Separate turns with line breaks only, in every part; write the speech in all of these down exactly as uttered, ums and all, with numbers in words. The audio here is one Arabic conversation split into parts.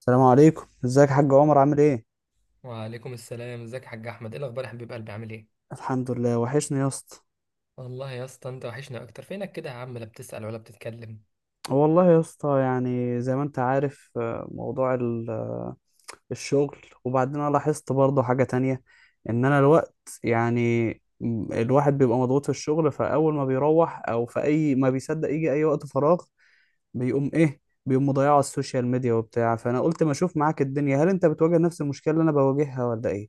السلام عليكم، ازيك يا حاج عمر، عامل ايه؟
وعليكم السلام، ازيك يا حاج احمد؟ ايه الاخبار يا حبيب قلبي، عامل ايه؟
الحمد لله، وحشني يا اسطى.
والله يا اسطى انت وحشنا اكتر. فينك كده يا عم؟ لا بتسأل ولا بتتكلم.
والله يا اسطى يعني زي ما انت عارف آه، موضوع ال- آه، الشغل. وبعدين انا لاحظت برضه حاجة تانية، ان انا الوقت يعني م- الواحد بيبقى مضغوط في الشغل، فاول ما بيروح او في اي ما بيصدق يجي اي وقت فراغ بيقوم ايه؟ بيقوم مضيعه على السوشيال ميديا وبتاع. فانا قلت ما اشوف معاك الدنيا، هل انت بتواجه نفس المشكلة اللي انا بواجهها ولا ايه؟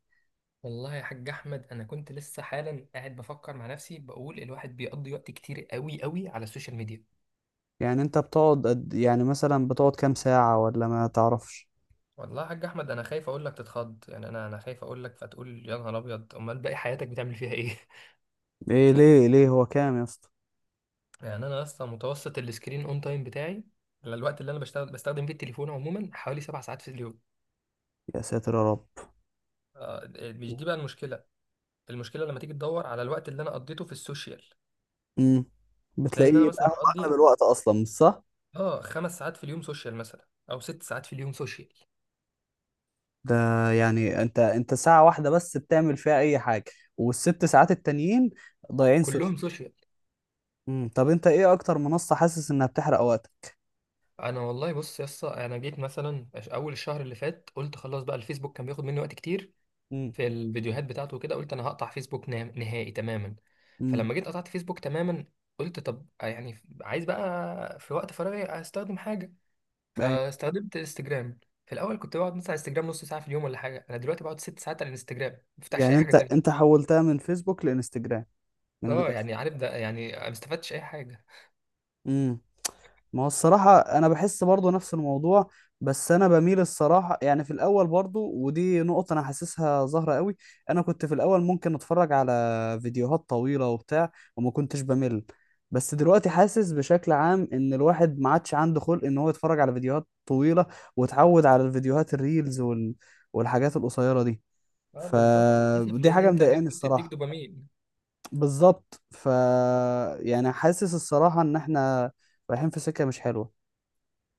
والله يا حاج احمد انا كنت لسه حالا قاعد بفكر مع نفسي، بقول الواحد بيقضي وقت كتير قوي قوي على السوشيال ميديا.
يعني انت بتقعد قد- يعني مثلا بتقعد كام ساعة ولا ما تعرفش؟
والله يا حاج احمد انا خايف اقول لك تتخض، يعني انا انا خايف اقول لك فتقول يا نهار ابيض، امال باقي حياتك بتعمل فيها ايه؟
ايه ليه ليه هو كام يا اسطى؟
يعني انا اصلا متوسط السكرين اون تايم بتاعي، على الوقت اللي انا بشتغل بستخدم فيه التليفون عموما، حوالي سبع ساعات في اليوم.
يا ساتر يا رب.
آه، مش دي بقى المشكلة. المشكله لما تيجي تدور على الوقت اللي انا قضيته في السوشيال،
امم،
تلاقي ان انا
بتلاقيه بقى
مثلا
هو اغلب
بقضي
الوقت اصلا مش صح.
اه خمس ساعات في اليوم سوشيال مثلا، او ست ساعات في اليوم سوشيال.
ده يعني انت انت ساعة واحدة بس بتعمل فيها اي حاجة، والست ساعات التانيين ضايعين سوشيال.
كلهم سوشيال.
امم، طب انت ايه اكتر منصة حاسس انها بتحرق وقتك؟
انا والله بص يا اسطى، انا جيت مثلا عش- اول الشهر اللي فات، قلت خلاص بقى، الفيسبوك كان بياخد مني وقت كتير
امم.
في الفيديوهات بتاعته وكده، قلت انا هقطع فيسبوك نام- نهائي تماما.
امم.
فلما جيت قطعت فيسبوك تماما، قلت طب يعني عايز بقى في وقت فراغي استخدم حاجه،
ايوه.
فاستخدمت انستجرام. في الاول كنت بقعد مثلا على انستجرام نص ساعه في اليوم ولا حاجه، انا دلوقتي بقعد ست ساعات على الانستجرام، ما بفتحش
يعني
اي حاجه
انت انت
تانية.
حولتها من فيسبوك لانستجرام من
اه
الاخر.
يعني عارف ده، يعني ما استفدتش اي حاجه.
امم. ما هو الصراحة أنا بحس برضو نفس الموضوع، بس أنا بميل الصراحة، يعني في الأول برضو ودي نقطة أنا حاسسها ظاهرة قوي. أنا كنت في الأول ممكن أتفرج على فيديوهات طويلة وبتاع وما كنتش بمل. بس دلوقتي حاسس بشكل عام إن الواحد ما عادش عنده خلق إن هو يتفرج على فيديوهات طويلة، واتعود على الفيديوهات الريلز وال... والحاجات القصيرة دي.
اه بالظبط، للاسف.
فدي
لان
حاجة
انت الريلز
مضايقاني
بتديك
الصراحة.
دوبامين.
بالظبط. ف يعني حاسس الصراحة إن إحنا رايحين في سكة مش حلوة.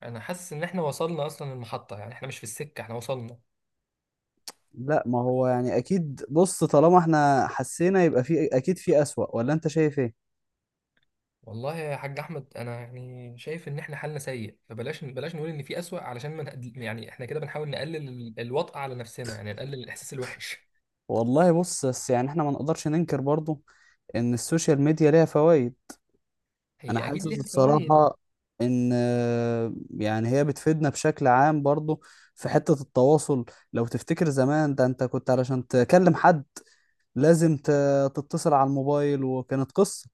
انا حاسس ان احنا وصلنا اصلا المحطه، يعني احنا مش في السكه، احنا وصلنا.
لا ما هو يعني اكيد، بص طالما احنا حسينا يبقى في اكيد في اسوأ، ولا انت شايف ايه؟
والله يا حاج احمد انا يعني شايف ان احنا حالنا سيء، فبلاش بلاش نقول ان في اسوأ، علشان ما نقد- يعني احنا كده بنحاول نقلل ال- الوطأة على نفسنا، يعني نقلل الاحساس الوحش.
والله بص، بس يعني احنا ما نقدرش ننكر برضو ان السوشيال ميديا ليها فوائد. انا
هي اكيد
حاسس
ليها فوائد.
الصراحة ان آه، يعني هي بتفيدنا بشكل عام برضو في حتة التواصل. لو تفتكر زمان، ده انت كنت علشان تكلم حد لازم ت- تتصل على الموبايل وكانت قصة.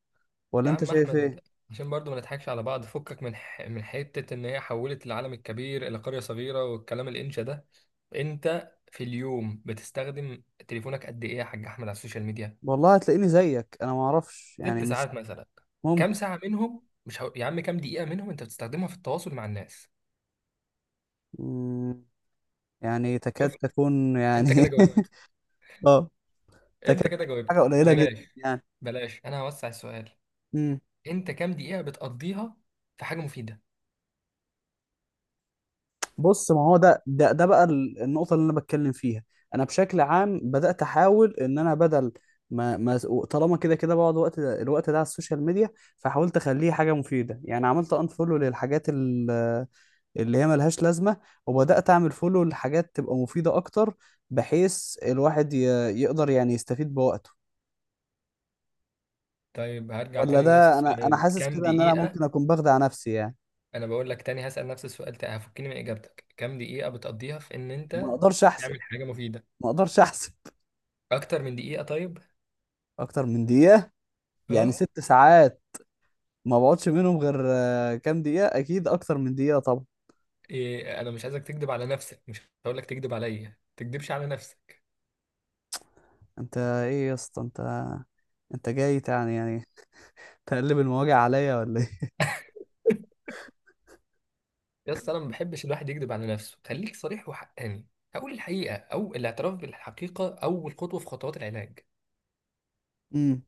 ولا
يا
انت
عم
شايف ايه؟
احمد، عشان برضو ما نضحكش على بعض، فكك من ح... من حته ان هي حولت العالم الكبير الى قريه صغيره والكلام الانشا ده. انت في اليوم بتستخدم تليفونك قد ايه يا حاج احمد على السوشيال ميديا؟
والله هتلاقيني زيك، انا ما اعرفش يعني،
ست
مش
ساعات مثلا، كام ساعه منهم مش هو... يا عم كام دقيقه منهم انت بتستخدمها في التواصل مع الناس؟
ممكن يعني تكاد
شفت؟
تكون
انت
يعني
كده جاوبت.
اه، تكاد
انت كده
تكون حاجة
جاوبت.
قليلة جدا
بلاش،
يعني.
بلاش. انا هوسع السؤال.
امم.
انت كام دقيقه بتقضيها في حاجه مفيده؟
بص ما هو ده ده ده بقى ال- النقطة اللي أنا بتكلم فيها. أنا بشكل عام بدأت أحاول إن أنا بدل ما ما طالما كده كده بقعد وقت الوقت ده على السوشيال ميديا، فحاولت أخليه حاجة مفيدة. يعني عملت أنفولو للحاجات ال- اللي هي ملهاش لازمة، وبدأت أعمل فولو لحاجات تبقى مفيدة أكتر، بحيث الواحد ي- يقدر يعني يستفيد بوقته.
طيب هرجع
ولا
تاني لنفس
ده انا انا
السؤال،
حاسس
كام
كده ان انا
دقيقه؟
ممكن اكون بخدع نفسي يعني.
انا بقول لك تاني هسأل نفس السؤال تاني، هفكني من اجابتك. كام دقيقة بتقضيها في ان
ما
انت
اقدرش احسب.
تعمل حاجة مفيدة؟
ما اقدرش احسب
اكتر من دقيقة؟ طيب.
اكتر من دقيقة. يعني
اه.
ست ساعات ما بقعدش منهم غير آه، كام دقيقة، اكيد اكتر من دقيقة طبعا.
إيه، انا مش عايزك تكذب على نفسك، مش هقول لك تكذب عليا، تكذبش على نفسك.
انت ايه يا اسطى؟ انت انت جاي يعني يعني تقلب المواجع عليا ولا ايه؟
يا اسطى انا ما بحبش الواحد يكذب على نفسه، خليك صريح وحقاني. اقول الحقيقة، او الاعتراف بالحقيقة، اول خطوة في خطوات العلاج.
امم.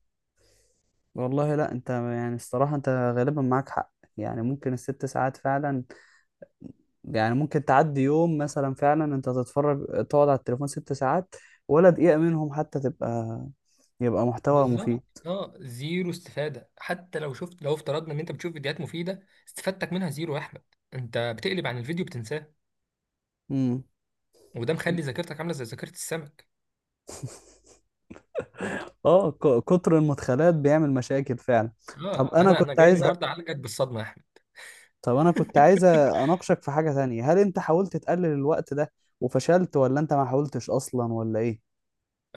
والله، لا انت يعني الصراحة انت غالبا معاك حق. يعني ممكن الست ساعات فعلا، يعني ممكن تعدي يوم مثلا فعلا انت تتفرج تقعد على التليفون ست ساعات ولا دقيقة منهم حتى تبقى يبقى محتوى
بالظبط.
مفيد.
اه زيرو استفادة. حتى لو شفت، لو افترضنا ان انت بتشوف فيديوهات مفيدة، استفادتك منها زيرو يا احمد. انت بتقلب عن الفيديو بتنساه.
امم.
وده مخلي ذاكرتك عاملة زي ذاكرة السمك.
اه، ك- كتر المدخلات بيعمل مشاكل فعلا. طب
اه
انا
انا انا
كنت
جاي
عايز،
النهارده اعالجك بالصدمه يا احمد.
طب انا كنت عايز اناقشك في حاجة تانية. هل انت حاولت تقلل الوقت ده وفشلت، ولا انت ما حاولتش اصلا، ولا ايه؟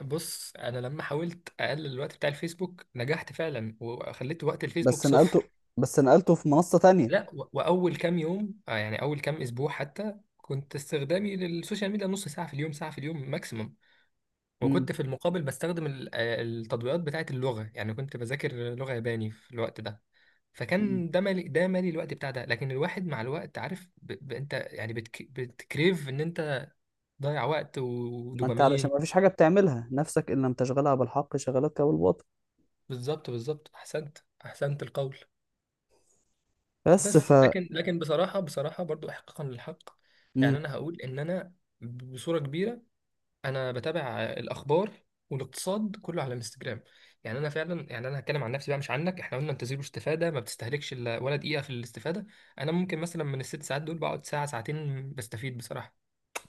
بص انا لما حاولت اقلل الوقت بتاع الفيسبوك، نجحت فعلا وخليت وقت الفيسبوك
بس نقلته.
صفر.
بس نقلته في منصة تانية.
لا، و- واول كام يوم، آه، يعني اول كام اسبوع حتى، كنت استخدامي للسوشيال ميديا نص ساعه في اليوم، ساعه في اليوم ماكسيمم.
امم.
وكنت في المقابل بستخدم ال- آه، التطبيقات بتاعه اللغه، يعني كنت بذاكر لغه ياباني في الوقت ده.
أمم.
فكان ده مالي، ده مالي الوقت بتاع ده. لكن الواحد مع الوقت عارف ب... ب... انت يعني بتك... بتكريف ان انت ضيع وقت
ما انت علشان
ودوبامين.
ما فيش حاجة بتعملها نفسك، ان لم تشغلها بالحق شغلتك بالباطل.
بالظبط، بالظبط. احسنت، احسنت القول.
بس ف
بس لكن لكن بصراحه، بصراحه برضو، احقاقا للحق، يعني انا هقول ان انا بصوره كبيره انا بتابع الاخبار والاقتصاد كله على الانستجرام. يعني انا فعلا، يعني انا هتكلم عن نفسي بقى مش عنك، احنا قلنا انت زيرو استفاده، ما بتستهلكش إلا ولا دقيقه في الاستفاده. انا ممكن مثلا من الست ساعات دول بقعد ساعه ساعتين بستفيد بصراحه.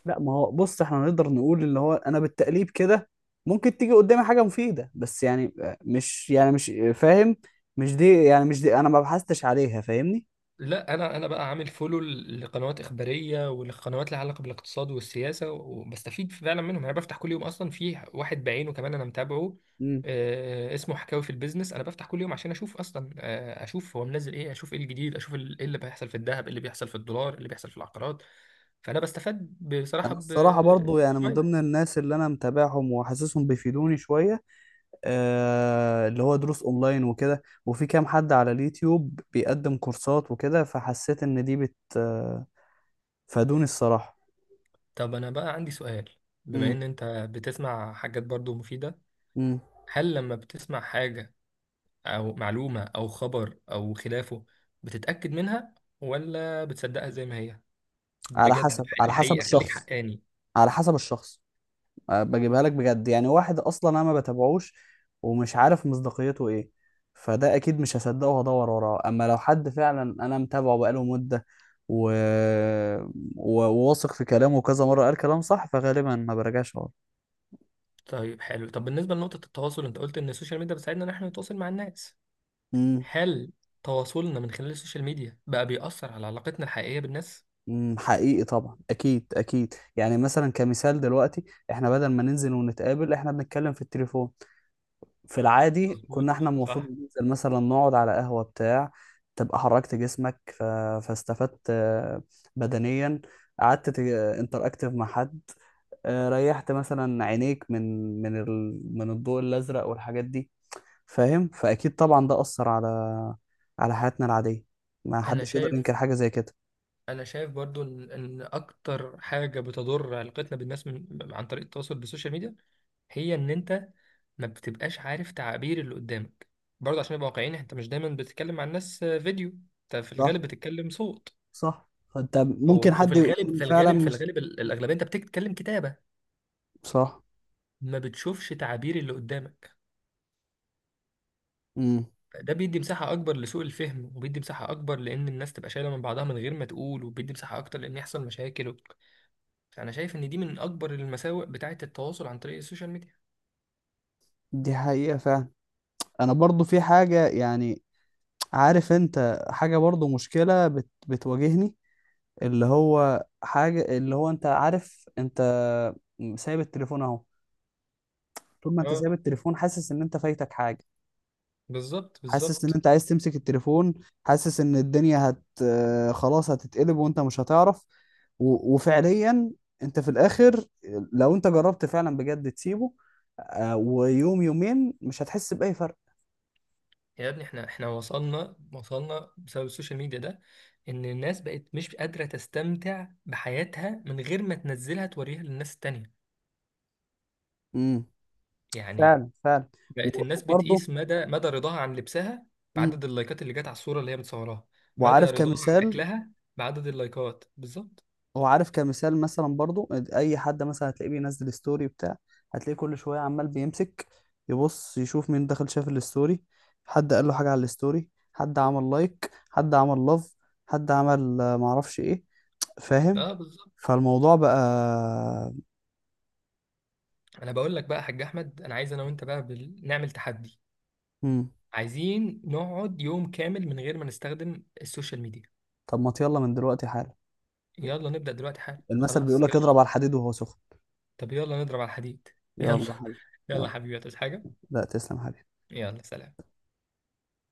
لا ما هو بص، احنا نقدر نقول اللي هو انا بالتقليب كده ممكن تيجي قدامي حاجه مفيده، بس يعني آه، مش يعني مش آه، فاهم. مش دي، يعني مش دي انا ما بحثتش عليها، فاهمني؟
لا انا انا بقى عامل فولو لقنوات اخباريه والقنوات اللي علاقه بالاقتصاد والسياسه، وبستفيد فعلا منهم. يعني انا بفتح كل يوم اصلا في واحد بعينه كمان انا متابعه،
مم.
آه، اسمه حكاوي في البيزنس. انا بفتح كل يوم عشان اشوف اصلا آه، اشوف هو منزل ايه، اشوف ايه الجديد، اشوف ال- ايه اللي بيحصل في الذهب، ايه اللي بيحصل في الدولار، ايه اللي بيحصل في العقارات. فانا بستفاد بصراحه
انا الصراحه برضو يعني من ضمن
بشويه.
الناس اللي انا متابعهم وحاسسهم بيفيدوني شويه. آه، اللي هو دروس اونلاين وكده، وفي كام حد على اليوتيوب بيقدم كورسات وكده، فحسيت ان دي بت آه، فادوني الصراحه.
طب انا بقى عندي سؤال. بما
امم.
ان انت بتسمع حاجات برضو مفيده،
امم.
هل لما بتسمع حاجه أو معلومة أو خبر أو خلافه، بتتأكد منها ولا بتصدقها زي ما هي؟
على
بجد
حسب، على حسب
الحقيقة، خليك
الشخص.
حقاني.
على حسب الشخص. أه، بجيبها لك بجد، يعني واحد اصلا انا ما بتابعوش ومش عارف مصداقيته ايه، فده اكيد مش هصدقه وهدور وراه. اما لو حد فعلا انا متابعه بقاله مدة و... و- وواثق في كلامه، كذا مرة قال كلام صح، فغالبا ما برجعش وراه.
طيب حلو. طب بالنسبة لنقطة التواصل، أنت قلت إن السوشيال ميديا بتساعدنا إن إحنا نتواصل مع الناس.
امم.
هل تواصلنا من خلال السوشيال ميديا بقى بيأثر على علاقتنا الحقيقية بالناس؟
أمم، حقيقي طبعا، اكيد اكيد. يعني مثلا كمثال دلوقتي احنا بدل ما ننزل ونتقابل احنا بنتكلم في التليفون. في العادي كنا
مظبوط.
احنا المفروض
صح.
ننزل مثلا نقعد على قهوة بتاع، تبقى حركت جسمك، ف... فاستفدت آه، بدنيا، قعدت انتر اكتف مع حد، آه، ريحت مثلا عينيك من من ال... من الضوء الازرق والحاجات دي، فاهم؟ فاكيد طبعا ده اثر على على حياتنا العادية، ما
أنا
حدش يقدر ينكر
شايف
حاجة زي كده.
انا شايف برضو ان إن اكتر حاجه بتضر علاقتنا بالناس من عن طريق التواصل بالسوشيال ميديا، هي ان انت ما بتبقاش عارف تعابير اللي قدامك. برضه عشان نبقى واقعيين، انت مش دايما بتتكلم مع الناس فيديو، انت في
صح.
الغالب بتتكلم صوت.
صح. فانت ممكن
و- وفي
حد
الغالب،
يكون
في
فعلا
الغالب في
مش
الغالب ال- الاغلبيه انت بتتكلم كتابه.
صح.
ما بتشوفش تعابير اللي قدامك.
امم.
ده بيدي مساحه اكبر لسوء الفهم، وبيدي مساحه اكبر لان الناس تبقى شايله من بعضها من غير ما تقول، وبيدي مساحه اكتر لان يحصل مشاكل. فأنا شايف إن دي من أكبر المساوئ بتاعة التواصل عن طريق السوشيال ميديا.
دي حقيقة فعلا. انا برضو في حاجة يعني، عارف انت حاجة برضو مشكلة بت... بتواجهني، اللي هو حاجة اللي هو انت عارف انت سايب التليفون اهو، طول ما انت
اه
سايب التليفون حاسس ان انت فايتك حاجة.
بالظبط،
حاسس ان
بالظبط.
انت عايز تمسك التليفون. حاسس ان الدنيا هت آه، خلاص هتتقلب وانت مش هتعرف. و... وفعليا انت في الاخر لو انت جربت فعلا بجد تسيبه آه، ويوم يومين مش هتحس بأي فرق.
يا ابني احنا احنا وصلنا، وصلنا بسبب السوشيال ميديا ده، ان الناس بقت مش قادرة تستمتع بحياتها من غير ما تنزلها توريها للناس التانية.
امم،
يعني
فعلا فعلا.
بقت
و-
الناس
وبرضه.
بتقيس مدى مدى رضاها عن لبسها
مم.
بعدد اللايكات اللي جت على الصورة اللي هي متصوراها. مدى
وعارف
رضاها عن
كمثال.
اكلها بعدد اللايكات. بالظبط،
هو عارف كمثال مثلا برضو اي حد مثلا هتلاقيه بينزل ستوري بتاع، هتلاقيه كل شويه عمال بيمسك، يبص يشوف مين دخل شاف الستوري، حد قال له حاجه على الستوري، حد عمل لايك، حد عمل لاف، حد عمل آه، معرفش ايه، فاهم.
اه بالظبط.
فالموضوع بقى.
انا بقول لك بقى يا حاج احمد، انا عايز انا وانت بقى بال... نعمل تحدي.
مم.
عايزين نقعد يوم كامل من غير ما نستخدم السوشيال ميديا.
طب ما يلا من دلوقتي حالا.
يلا نبدأ دلوقتي حالا،
المثل بيقول
خلاص
لك
يلا.
اضرب على الحديد وهو سخن.
طب يلا نضرب على الحديد. يلا.
يلا حبيبي.
يلا
يلا.
حبيبي، هتعوز حاجة؟
لا، تسلم حبيبي.
يلا سلام.